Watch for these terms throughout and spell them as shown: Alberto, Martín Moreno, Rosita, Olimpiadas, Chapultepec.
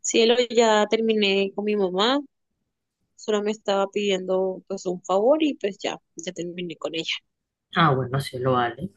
Cielo, ya terminé con mi mamá, solo me estaba pidiendo pues un favor y pues ya terminé con ella. Ah, bueno, sí lo vale,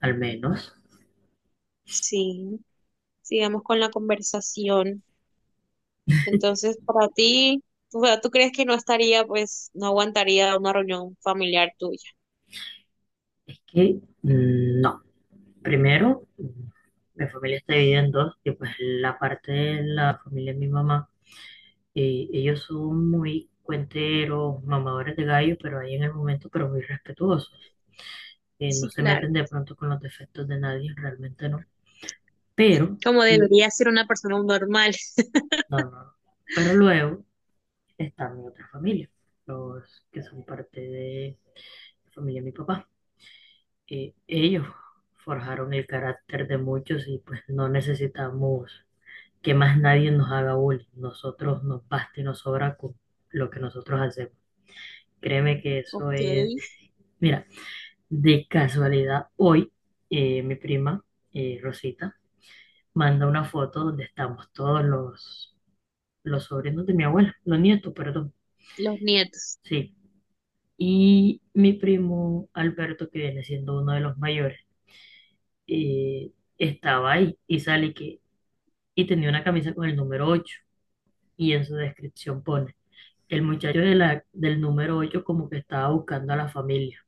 al menos. Sí, sigamos con la conversación. Entonces, para ti, ¿tú crees que no estaría, pues, no aguantaría una reunión familiar tuya? Es que no. Primero, mi familia está dividida en dos, y pues la parte de la familia de mi mamá, y ellos son muy cuenteros, mamadores de gallo, pero ahí en el momento, pero muy respetuosos. No Sí, se claro, meten de pronto con los defectos de nadie, realmente no. Pero. como l- debería ser una persona normal. no, no, no. Pero luego está mi otra familia, los que son parte de la familia de mi papá. Ellos forjaron el carácter de muchos y pues no necesitamos que más nadie nos haga bullying. Nosotros nos basta y nos sobra con lo que nosotros hacemos. Créeme que Ok, eso es. Mira, de casualidad, hoy mi prima, Rosita, manda una foto donde estamos todos los sobrinos de mi abuela, los nietos, perdón. los nietos. Sí. Y mi primo Alberto, que viene siendo uno de los mayores, eh, estaba ahí y sale que y tenía una camisa con el número 8, y en su descripción pone, el muchacho de la, del número 8 como que estaba buscando a la familia.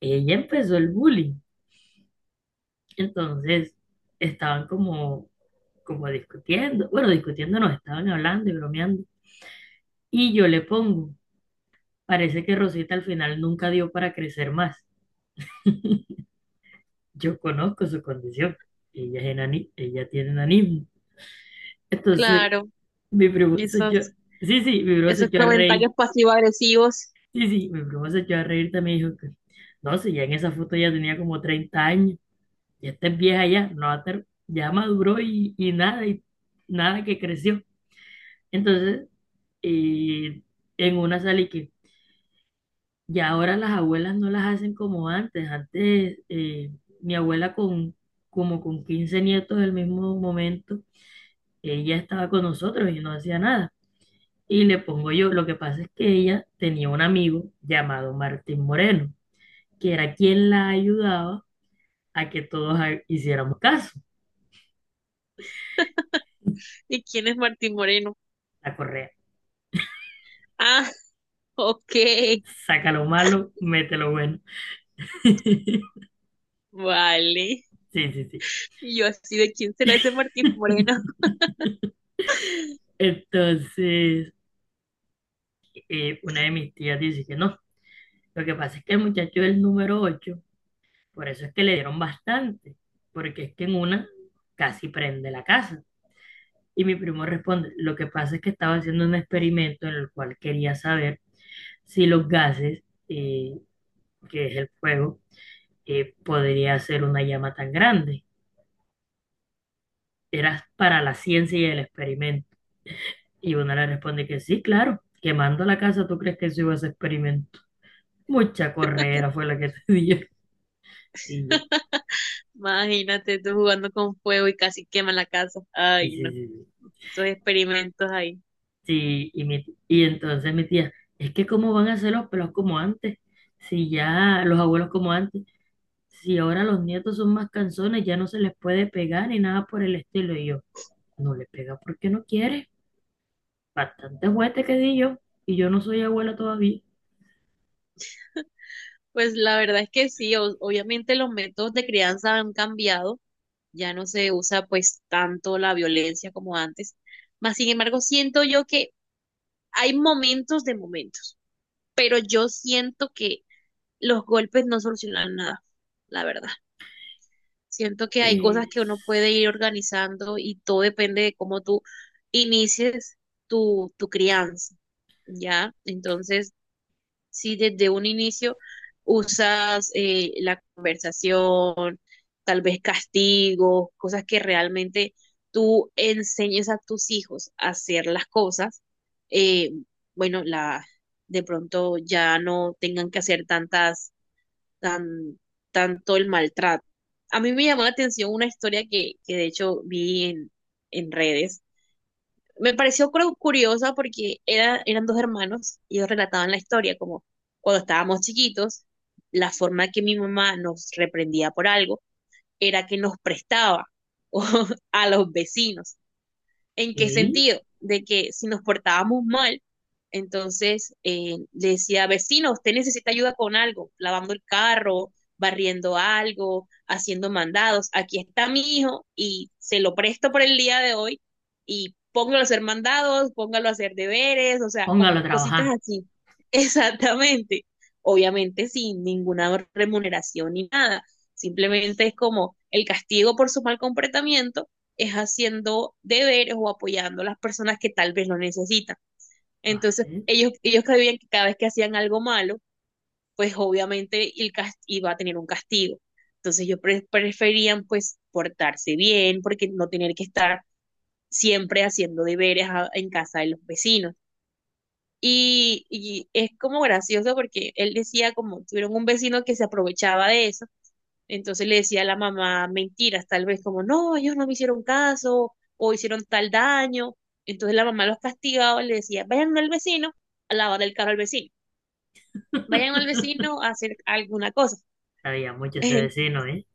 Ella empezó el bullying, entonces estaban como, discutiendo, bueno, discutiendo no, estaban hablando y bromeando. Y yo le pongo, parece que Rosita al final nunca dio para crecer más. Yo conozco su condición, ella tiene enanismo. Entonces, Claro, mi primo se echó, esos, sí, sí, mi primo se esos echó a reír. comentarios pasivo-agresivos. Sí, sí, mi primo se echó a reír también y dijo que, no, si ya en esa foto ya tenía como 30 años, ya está vieja ya, no va a estar, ya maduró y nada, y nada que creció. Entonces, eh, en una salí que ya ahora las abuelas no las hacen como antes. Antes, mi abuela con como con 15 nietos del mismo momento, ella estaba con nosotros y no hacía nada. Y le pongo yo, lo que pasa es que ella tenía un amigo llamado Martín Moreno, que era quien la ayudaba a que todos hiciéramos caso, ¿Y quién es Martín Moreno? la correa. Ah, ok, Saca lo malo, mete lo bueno. vale. Sí, sí, sí. Y yo así de quién será ese Martín Moreno. Entonces, una de mis tías dice que no. Lo que pasa es que el muchacho del número ocho, por eso es que le dieron bastante, porque es que en una casi prende la casa. Y mi primo responde, lo que pasa es que estaba haciendo un experimento en el cual quería saber si los gases, eh, que es el fuego, podría hacer una llama tan grande. Eras para la ciencia y el experimento. Y una le responde que sí, claro, quemando la casa, ¿tú crees que eso iba a ser experimento? Mucha correa fue la que te dio. Y yo, Imagínate tú jugando con fuego y casi quema la casa. y Ay, no, sí, sí, sí. esos experimentos ahí. Sí, y entonces mi tía, es que cómo van a ser los pelos como antes, si ya los abuelos como antes, si ahora los nietos son más canzones, ya no se les puede pegar ni nada por el estilo. Y yo, no le pega porque no quiere. Bastante juguete que di yo, y yo no soy abuela todavía. Pues la verdad es que sí, obviamente los métodos de crianza han cambiado, ya no se usa pues tanto la violencia como antes. Mas sin embargo, siento yo que hay momentos de momentos, pero yo siento que los golpes no solucionan nada, la verdad. Siento que hay cosas Pues, que uno puede ir organizando y todo depende de cómo tú inicies tu crianza, ¿ya? Entonces, si desde un inicio usas la conversación, tal vez castigos, cosas que realmente tú enseñes a tus hijos a hacer las cosas, eh, bueno, de pronto ya no tengan que hacer tantas tan, tanto el maltrato. A mí me llamó la atención una historia que de hecho vi en redes. Me pareció curiosa porque era, eran dos hermanos y ellos relataban la historia como cuando estábamos chiquitos, la forma que mi mamá nos reprendía por algo era que nos prestaba o, a los vecinos. ¿En qué ¿qué? sentido? De que si nos portábamos mal, entonces le decía, vecino, usted necesita ayuda con algo, lavando el carro, barriendo algo, haciendo mandados. Aquí está mi hijo y se lo presto por el día de hoy y póngalo a hacer mandados, póngalo a hacer deberes, o sea, Póngalo a como trabajar. cositas así. Exactamente. Obviamente sin ninguna remuneración ni nada. Simplemente es como el castigo por su mal comportamiento es haciendo deberes o apoyando a las personas que tal vez lo necesitan. Entonces, Vale. Ellos creían que cada vez que hacían algo malo, pues obviamente el iba a tener un castigo. Entonces, ellos preferían pues portarse bien, porque no tener que estar siempre haciendo deberes a, en casa de los vecinos. Es como gracioso porque él decía como tuvieron un vecino que se aprovechaba de eso entonces le decía a la mamá mentiras, tal vez como, no, ellos no me hicieron caso o hicieron tal daño. Entonces la mamá los castigaba y le decía, vayan al vecino a lavar el carro al vecino, vayan al vecino a hacer alguna cosa. Sabía mucho ese vecino, ¿eh?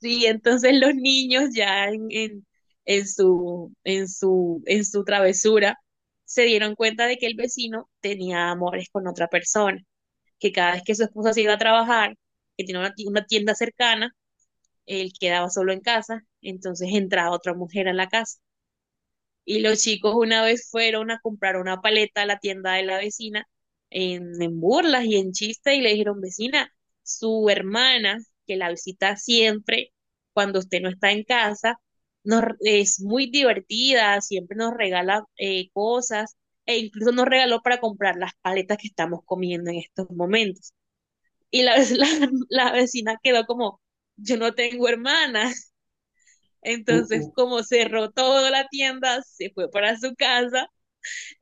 Sí, entonces los niños ya en en su travesura se dieron cuenta de que el vecino tenía amores con otra persona, que cada vez que su esposa se iba a trabajar, que tenía una una tienda cercana, él quedaba solo en casa, entonces entraba otra mujer a la casa. Y los chicos una vez fueron a comprar una paleta a la tienda de la vecina en burlas y en chiste y le dijeron, vecina, su hermana, que la visita siempre cuando usted no está en casa, nos, es muy divertida, siempre nos regala cosas e incluso nos regaló para comprar las paletas que estamos comiendo en estos momentos. La vecina quedó como, yo no tengo hermana. Uh, Entonces, uh, como cerró toda la tienda, se fue para su casa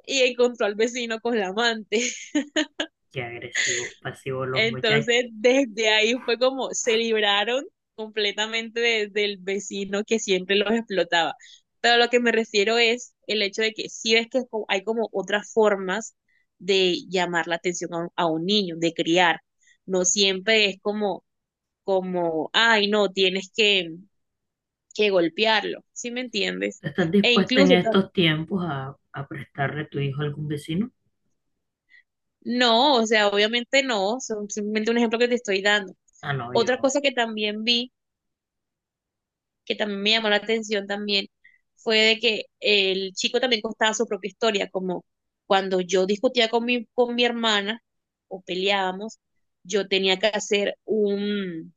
y encontró al vecino con la amante. Qué agresivos, pasivos los muchachos. Entonces, desde ahí fue como se libraron completamente del vecino que siempre los explotaba. Pero lo que me refiero es el hecho de que sí ves que hay como otras formas de llamar la atención a a un niño, de criar. No siempre es como, como, ay, no, que golpearlo, ¿sí me entiendes? ¿Tú estás E dispuesta en incluso estos tiempos a prestarle tu hijo a algún vecino? no, o sea, obviamente no, son simplemente un ejemplo que te estoy dando. Ah, no, Otra yo. cosa que también vi, que también me llamó la atención también, fue de que el chico también contaba su propia historia, como cuando yo discutía con con mi hermana o peleábamos, yo tenía que hacer un,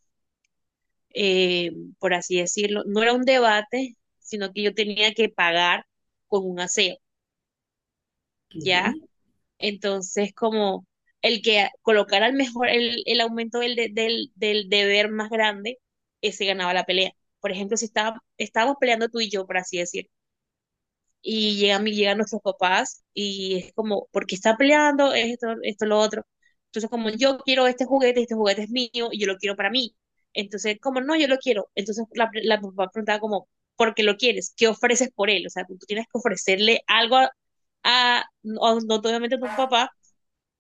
eh, por así decirlo, no era un debate, sino que yo tenía que pagar con un aseo, ¿Qué? ¿ya? Entonces, como el que colocara el mejor, el aumento del deber más grande, ese ganaba la pelea. Por ejemplo, si estaba, estábamos peleando tú y yo, por así decir, y llegan nuestros papás y es como, ¿por qué está peleando? Es esto, esto, lo otro. Entonces, como yo quiero este juguete es mío y yo lo quiero para mí. Entonces, como no, yo lo quiero. Entonces, la papá preguntaba como, ¿por qué lo quieres? ¿Qué ofreces por él? O sea, tú tienes que ofrecerle algo a, no, no, obviamente a tu papá,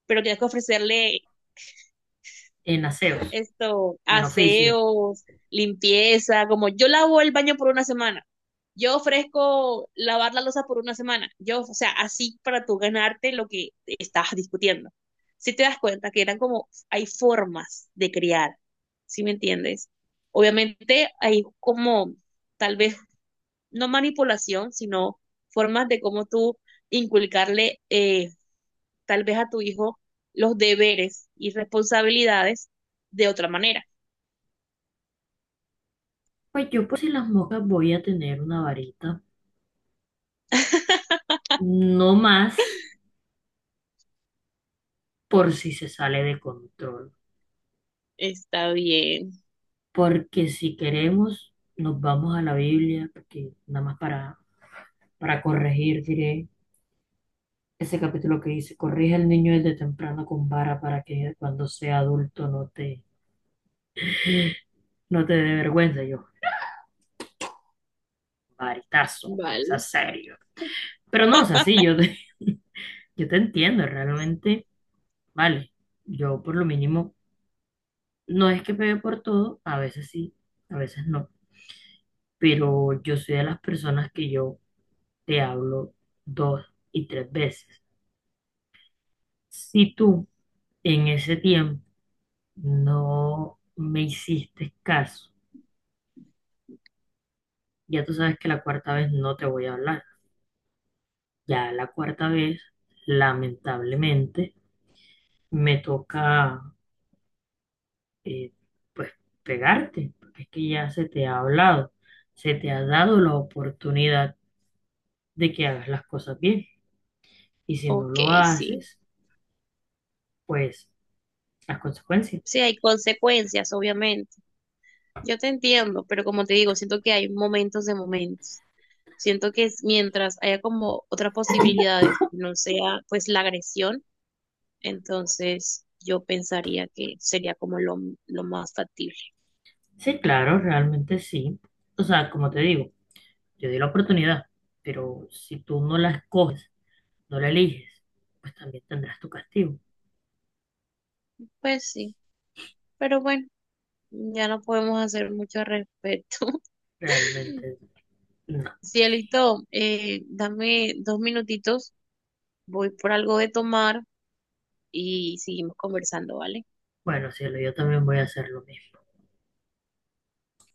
pero tienes que ofrecerle En aseos, esto, en oficio. aseos, limpieza, como yo lavo el baño por una semana, yo ofrezco lavar la losa por una semana, yo, o sea, así para tú ganarte lo que estás discutiendo. Si te das cuenta que eran como, hay formas de criar, ¿sí me entiendes? Obviamente hay como, tal vez, no manipulación, sino formas de cómo tú inculcarle tal vez a tu hijo los deberes y responsabilidades de otra manera. Pues yo por si las moscas voy a tener una varita. No más por si se sale de control. Está bien, Porque si queremos, nos vamos a la Biblia, porque nada más para, corregir, diré. Ese capítulo que dice, corrige al niño desde temprano con vara para que cuando sea adulto no te dé vergüenza. Yo, varitazo, para que vale. seas serio. Pero no, o sea, sí, yo te, yo te entiendo, realmente, vale, yo por lo mínimo, no es que pegue por todo, a veces sí, a veces no, pero yo soy de las personas que yo te hablo dos y tres veces. Si tú en ese tiempo no me hiciste caso, ya tú sabes que la cuarta vez no te voy a hablar. Ya la cuarta vez, lamentablemente, me toca, eh, pues, pegarte, porque es que ya se te ha hablado, se te ha dado la oportunidad de que hagas las cosas bien. Y si no Ok, lo sí. haces, pues, las consecuencias. Sí, hay consecuencias, obviamente. Yo te entiendo, pero como te digo, siento que hay momentos de momentos. Siento que es mientras haya como otras posibilidades, no sea pues la agresión, entonces yo pensaría que sería como lo más factible. Sí, claro, realmente sí. O sea, como te digo, yo di la oportunidad, pero si tú no la escoges, no la eliges, pues también tendrás tu castigo. Pues sí, pero bueno, ya no podemos hacer mucho al respecto. Realmente, no. Cielito, dame 2 minutitos, voy por algo de tomar y seguimos conversando, ¿vale? Bueno, cielo, yo también voy a hacer lo mismo.